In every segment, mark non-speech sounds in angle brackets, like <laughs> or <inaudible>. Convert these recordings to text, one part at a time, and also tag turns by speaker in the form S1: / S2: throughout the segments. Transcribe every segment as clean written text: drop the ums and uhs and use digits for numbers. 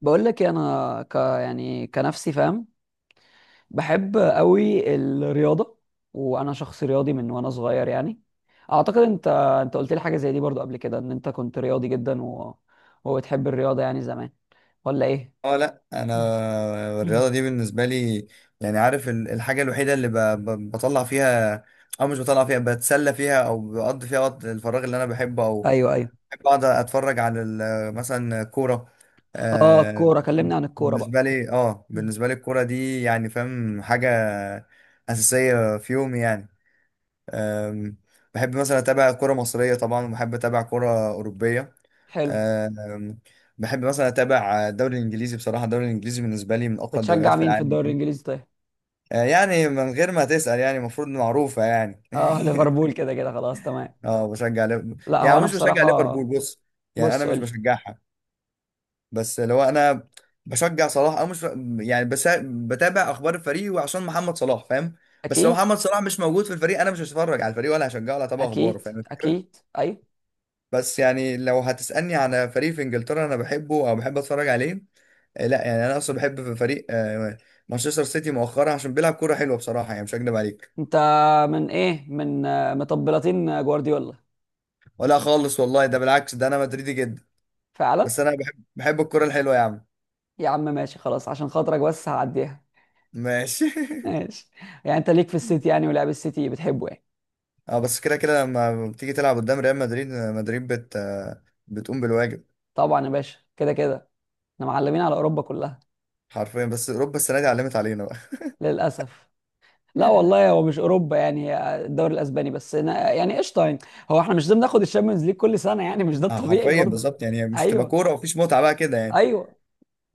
S1: بقول لك إيه، انا يعني كنفسي فاهم. بحب قوي الرياضه، وانا شخص رياضي من وانا صغير يعني. اعتقد انت قلت لي حاجه زي دي برضو قبل كده ان انت كنت رياضي جدا وبتحب الرياضه يعني زمان، ولا ايه؟
S2: اه لا، انا الرياضه
S1: <clears throat>
S2: دي
S1: <laughs>
S2: بالنسبه لي يعني عارف الحاجه الوحيده اللي بطلع فيها، او مش بطلع فيها، بتسلى فيها او بقضي فيها وقت الفراغ اللي انا بحبه، او
S1: ايوه ايوه.
S2: بحب اقعد اتفرج على مثلا كوره.
S1: اه
S2: آه
S1: الكوره، كلمني عن الكوره بقى. <clears throat> مم.
S2: بالنسبه لي الكوره دي يعني فاهم حاجه اساسيه في يومي يعني، آم، بحب مثلا اتابع كوره مصريه طبعا، وبحب اتابع كوره اوروبيه.
S1: حلو.
S2: آم، بحب مثلا اتابع الدوري الانجليزي، بصراحه الدوري الانجليزي بالنسبه لي من اقوى الدوريات
S1: بتشجع
S2: في
S1: مين في
S2: العالم
S1: الدوري
S2: يعني.
S1: الانجليزي طيب؟
S2: يعني من غير ما تسال، يعني المفروض معروفه يعني.
S1: اه <laughs>
S2: <laughs>
S1: ليفربول كده كده خلاص، تمام.
S2: اه بشجع ليفربول،
S1: لا هو
S2: يعني
S1: انا
S2: مش بشجع
S1: بصراحه.
S2: ليفربول. بص، يعني انا
S1: بص قول
S2: مش
S1: لي.
S2: بشجعها. بس لو انا بشجع صلاح او مش، يعني بس بتابع اخبار الفريق وعشان محمد صلاح فاهم. بس لو
S1: اكيد
S2: محمد صلاح مش موجود في الفريق، انا مش هتفرج على الفريق ولا هشجعه ولا هتابع اخباره،
S1: اكيد
S2: فاهم الفكره.
S1: اكيد، ايوه.
S2: بس يعني لو هتسالني على فريق في انجلترا انا بحبه او بحب اتفرج عليه، لا يعني انا اصلا بحب في فريق، مانشستر سيتي مؤخرا عشان بيلعب كوره حلوه، بصراحه يعني مش هكدب عليك.
S1: انت من مطبلاتين جوارديولا؟
S2: ولا خالص والله، ده بالعكس، ده انا مدريدي جدا.
S1: فعلا.
S2: بس انا بحب الكوره الحلوه يا عم.
S1: يا عم ماشي خلاص، عشان خاطرك بس هعديها.
S2: ماشي. <laughs>
S1: ماشي. يعني انت ليك في السيتي يعني، ولعب السيتي بتحبه يعني.
S2: اه بس كده كده، لما بتيجي تلعب قدام ريال مدريد، مدريد بت آه، بتقوم بالواجب.
S1: طبعا يا باشا، كده كده. احنا معلمين على اوروبا كلها.
S2: حرفيا، بس اوروبا السنه دي علمت علينا بقى.
S1: للاسف. لا
S2: <laughs>
S1: والله هو مش اوروبا، يعني هي الدوري الاسباني بس، أنا يعني قشطه يعني. هو احنا مش لازم ناخد الشامبيونز ليج كل سنه يعني، مش ده
S2: اه
S1: الطبيعي
S2: حرفيا
S1: برضه.
S2: بالظبط، يعني مش هتبقى
S1: ايوه
S2: كوره ومفيش متعه بقى كده يعني.
S1: ايوه.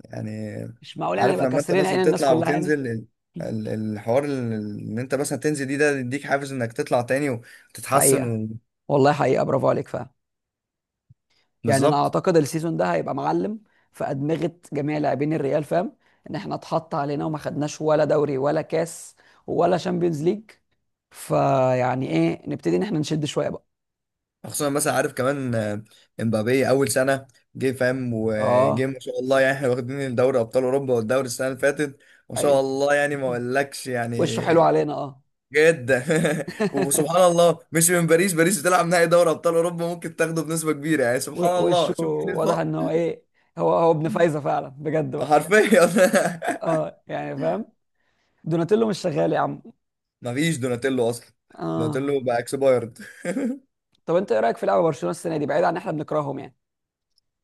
S2: يعني
S1: مش معقول يعني
S2: عارف
S1: نبقى
S2: لما انت
S1: كاسرين عين
S2: مثلا
S1: الناس
S2: تطلع
S1: كلها يعني.
S2: وتنزل الحوار، ان انت مثلا تنزل دي، ده يديك حافز انك تطلع تاني وتتحسن
S1: حقيقه،
S2: و...
S1: والله حقيقه، برافو عليك فعلا. يعني انا
S2: بالظبط.
S1: اعتقد السيزون ده هيبقى معلم في ادمغه جميع لاعبين الريال، فاهم؟ ان احنا اتحط علينا وما خدناش ولا دوري ولا كاس ولا شامبيونز ليج، فيعني ايه، نبتدي ان احنا نشد شويه بقى.
S2: خصوصا مثلا عارف كمان، امبابي اول سنه جه فاهم، وجه
S1: اه
S2: ما شاء الله، يعني احنا واخدين دوري ابطال اوروبا والدوري السنه اللي فاتت. ما
S1: ايوه.
S2: شاء الله، يعني ما اقولكش يعني.
S1: وشه حلو علينا اه.
S2: جدا. <laughs>
S1: <laughs>
S2: وسبحان الله، مش من باريس؟ باريس بتلعب نهائي دوري ابطال اوروبا، ممكن تاخده بنسبه كبيره يعني. سبحان
S1: وشه
S2: الله، شوف
S1: واضح
S2: الفرق.
S1: ان هو ايه، هو ابن فايزه فعلا بجد بقى.
S2: حرفيا. <laughs>
S1: اه يعني فاهم. دوناتيلو مش شغال يا عم.
S2: مفيش دوناتيلو اصلا،
S1: اه.
S2: دوناتيلو بقى اكسبايرد. <laughs>
S1: طب انت ايه رايك في لعبه برشلونه السنه دي، بعيد عن ان احنا بنكرههم يعني؟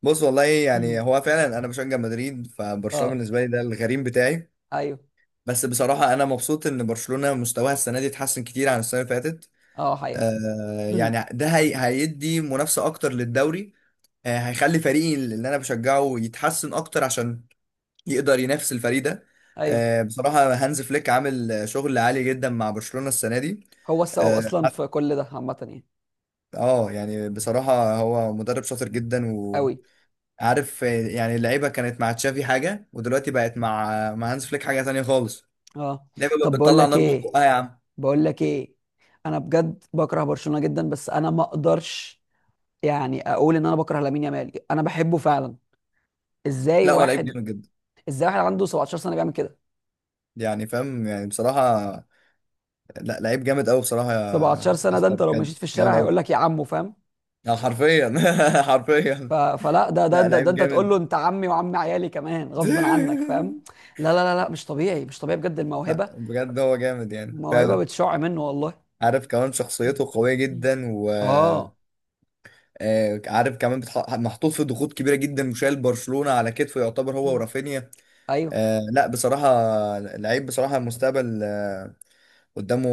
S2: بص والله، يعني
S1: مم.
S2: هو فعلا انا بشجع مدريد، فبرشلونه
S1: اه.
S2: بالنسبه لي ده الغريم بتاعي.
S1: ايوه.
S2: بس بصراحه انا مبسوط ان برشلونه مستواها السنه دي اتحسن كتير عن السنه اللي فاتت.
S1: اه حقيقه.
S2: آه يعني ده هي هيدي منافسه اكتر للدوري، آه هيخلي فريقي اللي انا بشجعه يتحسن اكتر عشان يقدر ينافس الفريق ده.
S1: ايوه.
S2: آه بصراحه هانز فليك عامل شغل عالي جدا مع برشلونه السنه دي.
S1: هو السبب
S2: آه،
S1: اصلا في كل ده عامه يعني.
S2: اه يعني بصراحة هو مدرب شاطر جدا.
S1: قوي.
S2: عارف يعني اللعيبه كانت مع تشافي حاجه، ودلوقتي بقت مع هانز فليك حاجه تانية خالص.
S1: اه.
S2: اللعيبه
S1: طب
S2: بقت
S1: بقول
S2: بتطلع
S1: لك
S2: نار من
S1: ايه،
S2: بقها يا عم.
S1: بقول لك ايه، انا بجد بكره برشلونه جدا، بس انا ما اقدرش يعني اقول ان انا بكره لامين يامال، انا بحبه فعلا. ازاي
S2: لا، هو لعيب
S1: واحد،
S2: جامد جدا،
S1: ازاي واحد عنده 17 سنه بيعمل كده؟
S2: يعني فاهم يعني بصراحه. لا لعيب جامد قوي بصراحه
S1: 17
S2: يا
S1: سنه، ده
S2: حسام،
S1: انت لو
S2: بجد
S1: مشيت في
S2: جامد
S1: الشارع
S2: قوي،
S1: هيقول لك يا عمو، فاهم؟
S2: يعني حرفيا. <laughs>
S1: ف...
S2: حرفيا.
S1: فلا ده ده
S2: لا
S1: ده, ده
S2: لعيب
S1: انت تقول له
S2: جامد.
S1: انت عمي وعم عيالي كمان غصب عنك،
S2: <laughs>
S1: فاهم. لا لا لا لا، مش طبيعي، مش طبيعي بجد
S2: لا
S1: الموهبه،
S2: بجد هو جامد يعني
S1: الموهبه
S2: فعلا.
S1: بتشع منه والله.
S2: عارف كمان شخصيته قوية جدا، و
S1: اه.
S2: عارف كمان محطوط في ضغوط كبيرة جدا، وشايل برشلونة على كتفه، يعتبر هو ورافينيا.
S1: ايوه.
S2: آه لا، بصراحة لعيب بصراحة، المستقبل قدامه.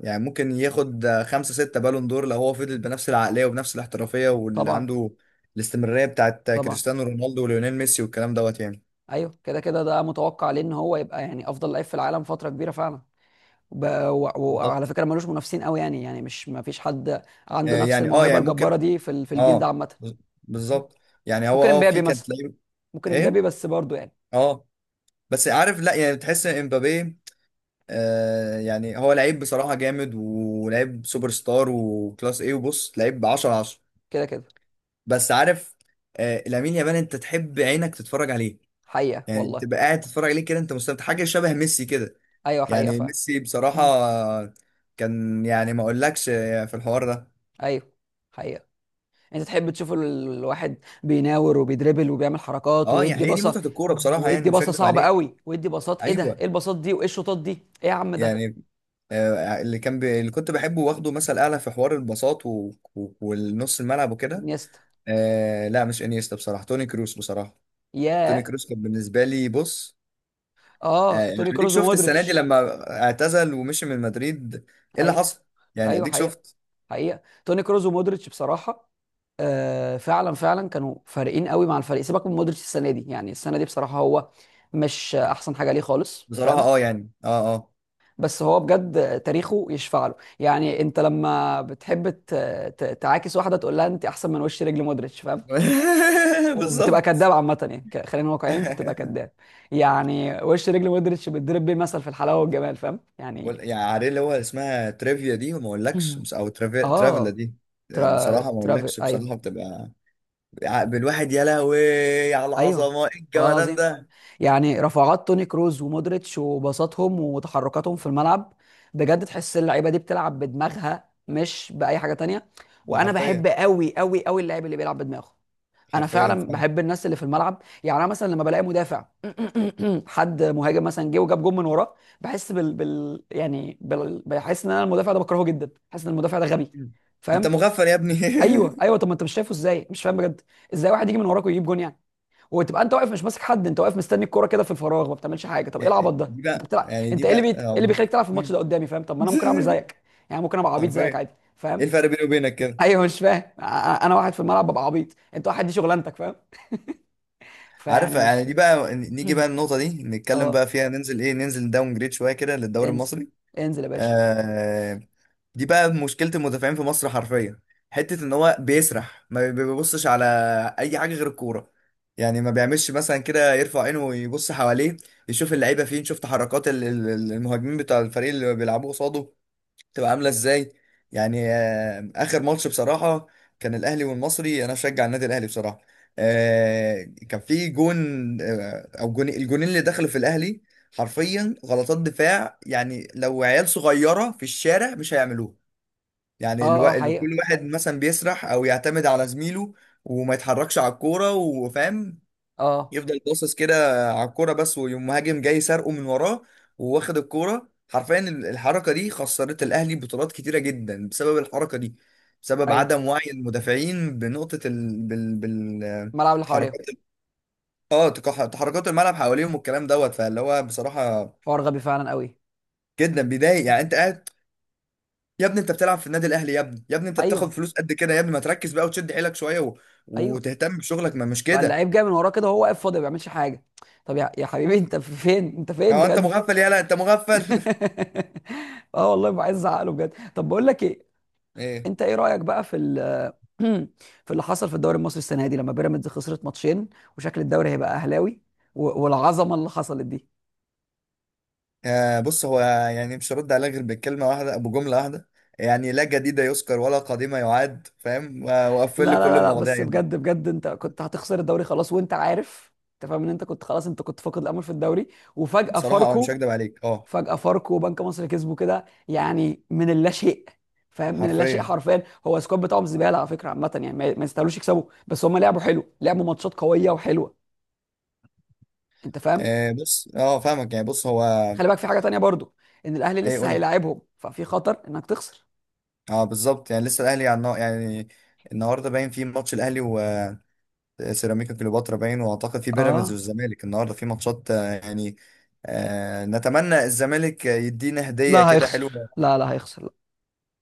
S2: يعني ممكن ياخد، خمسة ستة بالون دور، لو هو فضل بنفس العقلية وبنفس الاحترافية واللي
S1: طبعا.
S2: عنده الاستمرارية بتاعت
S1: طبعا.
S2: كريستيانو رونالدو وليونيل ميسي والكلام دوت يعني.
S1: ايوه كده كده، ده متوقع لان هو يبقى يعني افضل لعيب في العالم فتره كبيره فعلا. وب- وعلى
S2: بالظبط.
S1: فكره ملوش منافسين قوي يعني، يعني مش ما فيش حد عنده
S2: آه
S1: نفس
S2: يعني، اه
S1: الموهبه
S2: يعني
S1: الجباره
S2: ممكن،
S1: دي في الجيل ده
S2: اه،
S1: عامه.
S2: بز- بالظبط. يعني هو،
S1: ممكن
S2: اه، في
S1: امبابي
S2: كانت
S1: مثلا.
S2: لعيب
S1: ممكن امبابي
S2: ايه،
S1: بس برضه يعني.
S2: اه، بس عارف، لا يعني بتحس ان امبابي، يعني هو لعيب بصراحة جامد، ولعيب سوبر ستار وكلاس ايه، وبص لعيب 10 10.
S1: كده كده.
S2: بس عارف، لامين يامال انت تحب عينك تتفرج عليه،
S1: حقيقه
S2: يعني
S1: والله.
S2: تبقى قاعد تتفرج عليه كده انت مستمتع، حاجه شبه ميسي كده.
S1: ايوه حقيقه
S2: يعني
S1: فعلا.
S2: ميسي بصراحه كان، يعني ما اقولكش في الحوار ده.
S1: ايوه حقيقه. انت تحب تشوف الواحد بيناور وبيدربل وبيعمل حركات
S2: اه يعني
S1: ويدي
S2: هي دي
S1: بصه،
S2: متعه الكوره بصراحه، يعني
S1: ويدي
S2: مش
S1: بصه
S2: هكدب
S1: صعبه
S2: عليك.
S1: قوي، ويدي باصات، ايه ده، ايه
S2: ايوه،
S1: الباصات دي وايه الشوطات دي؟ ايه يا عم ده.
S2: يعني آه اللي كان اللي كنت بحبه واخده مثل اعلى في حوار البساط والنص الملعب وكده.
S1: انيستا.
S2: آه لا مش انيستا، بصراحه توني كروس بصراحه. توني
S1: ياه.
S2: كروس كان بالنسبه لي، بص
S1: اه
S2: يعني
S1: توني
S2: اديك
S1: كروز
S2: شفت السنه دي
S1: ومودريتش.
S2: لما اعتزل ومشي من مدريد، ايه اللي
S1: ايوه
S2: حصل؟ يعني
S1: ايوه
S2: اديك
S1: حقيقه.
S2: شفت.
S1: حقيقه توني كروز ومودريتش بصراحه. آه فعلا فعلا، كانوا فارقين قوي مع الفريق. سيبك من مودريتش السنه دي، يعني السنه دي بصراحه هو مش احسن حاجه ليه خالص،
S2: بصراحه
S1: فاهم؟ بس هو بجد تاريخه يشفع له. يعني انت لما بتحب تعاكس واحده تقول لها انت احسن من وش رجل مودريتش، فاهم؟
S2: <laughs>
S1: وبتبقى كداب
S2: بالظبط.
S1: عامه، يعني خلينا واقعيين انت بتبقى كداب.
S2: <laughs>
S1: يعني وش رجل مودريتش بتضرب بيه مثل في الحلاوه والجمال، فاهم يعني.
S2: يعني عارف اللي هو اسمها تريفيا دي وما اقولكش،
S1: <laughs>
S2: ترافلا
S1: اه.
S2: دي. بصراحه ما
S1: ترافي
S2: اقولكش،
S1: ايوه.
S2: بصراحه بتبقى عقل الواحد، يا لهوي على
S1: ايوه،
S2: العظمه، ايه
S1: والله
S2: الجمدان
S1: العظيم.
S2: ده.
S1: يعني رفعات توني كروز ومودريتش وبساطهم وتحركاتهم في الملعب، بجد تحس اللعيبه دي بتلعب بدماغها مش باي حاجه تانية.
S2: ده
S1: وانا بحب
S2: حرفيا.
S1: قوي قوي قوي اللاعب اللي بيلعب بدماغه. انا
S2: حرفيا
S1: فعلا
S2: فعلا.
S1: بحب الناس اللي في الملعب. يعني انا مثلا لما بلاقي مدافع، <clears throat> حد مهاجم مثلا جه وجاب جون من وراه، بحس بال, بال... يعني بال... بحس ان انا المدافع ده بكرهه جدا، بحس ان المدافع ده غبي،
S2: مم. انت
S1: فاهم.
S2: مغفل يا ابني.
S1: ايوه ايوه. طب ما انت مش شايفه ازاي؟ مش فاهم بجد. ازاي واحد يجي من وراك ويجيب جون يعني؟ وتبقى انت واقف مش ماسك حد، انت واقف مستني الكوره كده في الفراغ، ما بتعملش حاجه. طب ايه العبط
S2: <laughs>
S1: ده،
S2: دي
S1: انت
S2: بقى
S1: بتلعب،
S2: يعني دي
S1: انت ايه اللي
S2: بقى
S1: ايه اللي بيخليك تلعب في الماتش
S2: مم.
S1: ده قدامي، فاهم؟ طب ما انا ممكن اعمل
S2: <laughs>
S1: زيك، يعني ممكن ابقى عبيط زيك
S2: حرفيا،
S1: عادي،
S2: ايه
S1: فاهم.
S2: الفرق بيني وبينك
S1: <laughs>
S2: كده؟
S1: ايوه مش فاهم. أنا واحد في الملعب ببقى عبيط، انت واحد دي شغلانتك، فاهم. <laughs>
S2: عارف
S1: فيعني
S2: يعني،
S1: مش.
S2: دي بقى نيجي بقى النقطة دي نتكلم
S1: اه.
S2: بقى فيها، ننزل داون جريد شوية كده للدوري
S1: انزل.
S2: المصري.
S1: انزل يا باشا.
S2: آه، دي بقى مشكلة المدافعين في مصر حرفيا، حتة ان هو بيسرح ما بيبصش على اي حاجة غير الكورة. يعني ما بيعملش مثلا كده يرفع عينه ويبص حواليه، يشوف اللعيبة فين، يشوف تحركات المهاجمين بتاع الفريق اللي بيلعبوا قصاده تبقى عامله ازاي. يعني اخر ماتش بصراحه كان الاهلي والمصري، انا بشجع النادي الاهلي بصراحه. آه، كان في جون، او جون، الجونين اللي دخلوا في الاهلي حرفيا غلطات دفاع يعني، لو عيال صغيره في الشارع مش هيعملوها. يعني
S1: اه اه
S2: كل
S1: حقيقه.
S2: واحد مثلا بيسرح او يعتمد على زميله، وما يتحركش على الكوره، وفاهم،
S1: اه.
S2: يفضل باصص كده على الكوره بس، ويقوم مهاجم جاي سارقه من وراه وواخد الكوره. حرفيا الحركه دي خسرت الاهلي بطولات كتيره جدا بسبب الحركه دي، بسبب
S1: ايوه
S2: عدم وعي المدافعين بنقطه
S1: الملعب اللي حواليهم.
S2: تحركات، اه تحركات الملعب حواليهم والكلام دوت. فاللي هو بصراحه
S1: حوار غبي فعلا قوي.
S2: جدا بيضايق، يعني انت قاعد يا ابني، انت بتلعب في النادي الاهلي يا ابني يا ابني، انت
S1: ايوه.
S2: بتاخد فلوس قد كده يا ابني، ما تركز بقى وتشد حيلك شويه و...
S1: ايوه.
S2: وتهتم بشغلك، ما مش
S1: بقى
S2: كده.
S1: اللعيب جاي من وراه كده، وهو واقف فاضي ما بيعملش حاجه. طب يا حبيبي، انت فين، انت فين
S2: يعني هو انت
S1: بجد؟
S2: مغفل، يالا انت مغفل.
S1: <laughs> اه والله ببقى عايز ازعق له بجد. طب بقول لك ايه،
S2: <laughs> ايه؟
S1: انت ايه رايك بقى في <clears throat> في اللي حصل في الدوري المصري السنه دي لما بيراميدز خسرت ماتشين، وشكل الدوري هيبقى اهلاوي، والعظمه اللي حصلت دي؟
S2: بص هو، يعني مش هرد عليه غير بكلمة واحدة أبو جملة واحدة، يعني لا جديد يذكر ولا قديم يعاد فاهم،
S1: لا
S2: وقفل لي
S1: لا
S2: كل
S1: لا لا،
S2: المواضيع
S1: بس
S2: يا ابني.
S1: بجد بجد انت كنت هتخسر الدوري خلاص، وانت عارف، انت فاهم ان انت كنت خلاص، انت كنت فاقد الامل في الدوري. وفجاه
S2: بصراحة مش
S1: فاركو،
S2: هكدب عليك
S1: فجأة فاركو وبنك مصر كسبوا كده يعني من اللا شيء، فاهم، من اللا شيء
S2: حرفيا.
S1: حرفيا. هو السكواد بتاعهم زباله على فكره عامه يعني، ما يستاهلوش يكسبوا، بس هم لعبوا حلو، لعبوا ماتشات قويه وحلوه. انت فاهم.
S2: بص فاهمك يعني، بص هو،
S1: خلي بالك في حاجه تانية برضو، ان الاهلي
S2: إيه
S1: لسه
S2: قول لي.
S1: هيلاعبهم، ففي خطر انك تخسر.
S2: بالظبط، يعني لسه الأهلي يعني النهاردة باين في ماتش الأهلي وسيراميكا كليوباترا باين، وأعتقد في بيراميدز
S1: اه
S2: والزمالك النهاردة في ماتشات، يعني نتمنى الزمالك يدينا هدية
S1: لا
S2: كده
S1: هيخسر.
S2: حلوة.
S1: لا لا هيخسر.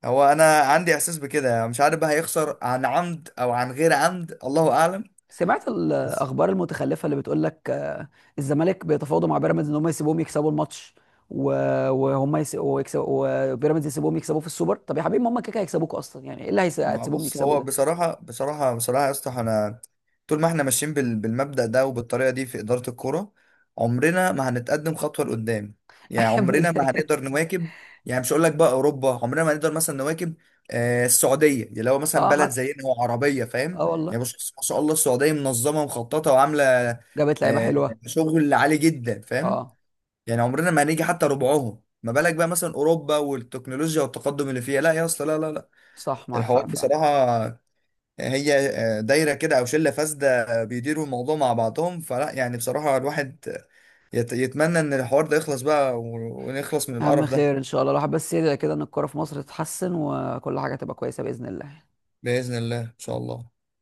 S2: هو انا عندي احساس بكده يعني، مش عارف بقى هيخسر عن عمد او عن غير عمد، الله اعلم.
S1: سمعت
S2: بس
S1: الاخبار المتخلفه اللي بتقول لك الزمالك بيتفاوضوا مع بيراميدز ان هم يسيبوهم يكسبوا الماتش، وهم ويكسبوا، وبيراميدز يسيبوهم يكسبوكوا في السوبر؟ طب يا حبيبي، ما هم كده كده هيكسبوكوا اصلا، يعني ايه اللي
S2: ما
S1: هتسيبوهم
S2: بص
S1: يكسبوا
S2: هو
S1: ده؟
S2: بصراحة بصراحة بصراحة يا اسطى، احنا طول ما احنا ماشيين بالمبدأ ده وبالطريقة دي في إدارة الكورة، عمرنا ما هنتقدم خطوة لقدام.
S1: <laughs> يا
S2: يعني
S1: ابني
S2: عمرنا ما
S1: كده كده.
S2: هنقدر نواكب، يعني مش هقول لك بقى أوروبا، عمرنا ما هنقدر مثلا نواكب. السعودية يعني، لو مثلا
S1: اه
S2: بلد
S1: حتى.
S2: زينا وعربية فاهم،
S1: اه والله.
S2: يعني بص ما شاء الله السعودية منظمة ومخططة وعاملة
S1: جابت لعيبه
S2: آه
S1: حلوه.
S2: شغل عالي جدا فاهم.
S1: اه.
S2: يعني عمرنا ما هنيجي حتى ربعهم، ما بالك بقى مثلا اوروبا والتكنولوجيا والتقدم اللي فيها. لا يا اسطى، لا لا لا.
S1: صح معاك
S2: الحوار
S1: حق فعلا.
S2: بصراحه هي دايره كده او شله فاسده بيديروا الموضوع مع بعضهم، فلا يعني بصراحه الواحد يتمنى ان الحوار ده يخلص بقى ونخلص من
S1: يا عم
S2: القرف ده.
S1: خير ان شاء الله، الواحد بس يدعي كده ان الكوره في مصر تتحسن وكل حاجه تبقى كويسه باذن الله.
S2: باذن الله، ان شاء الله.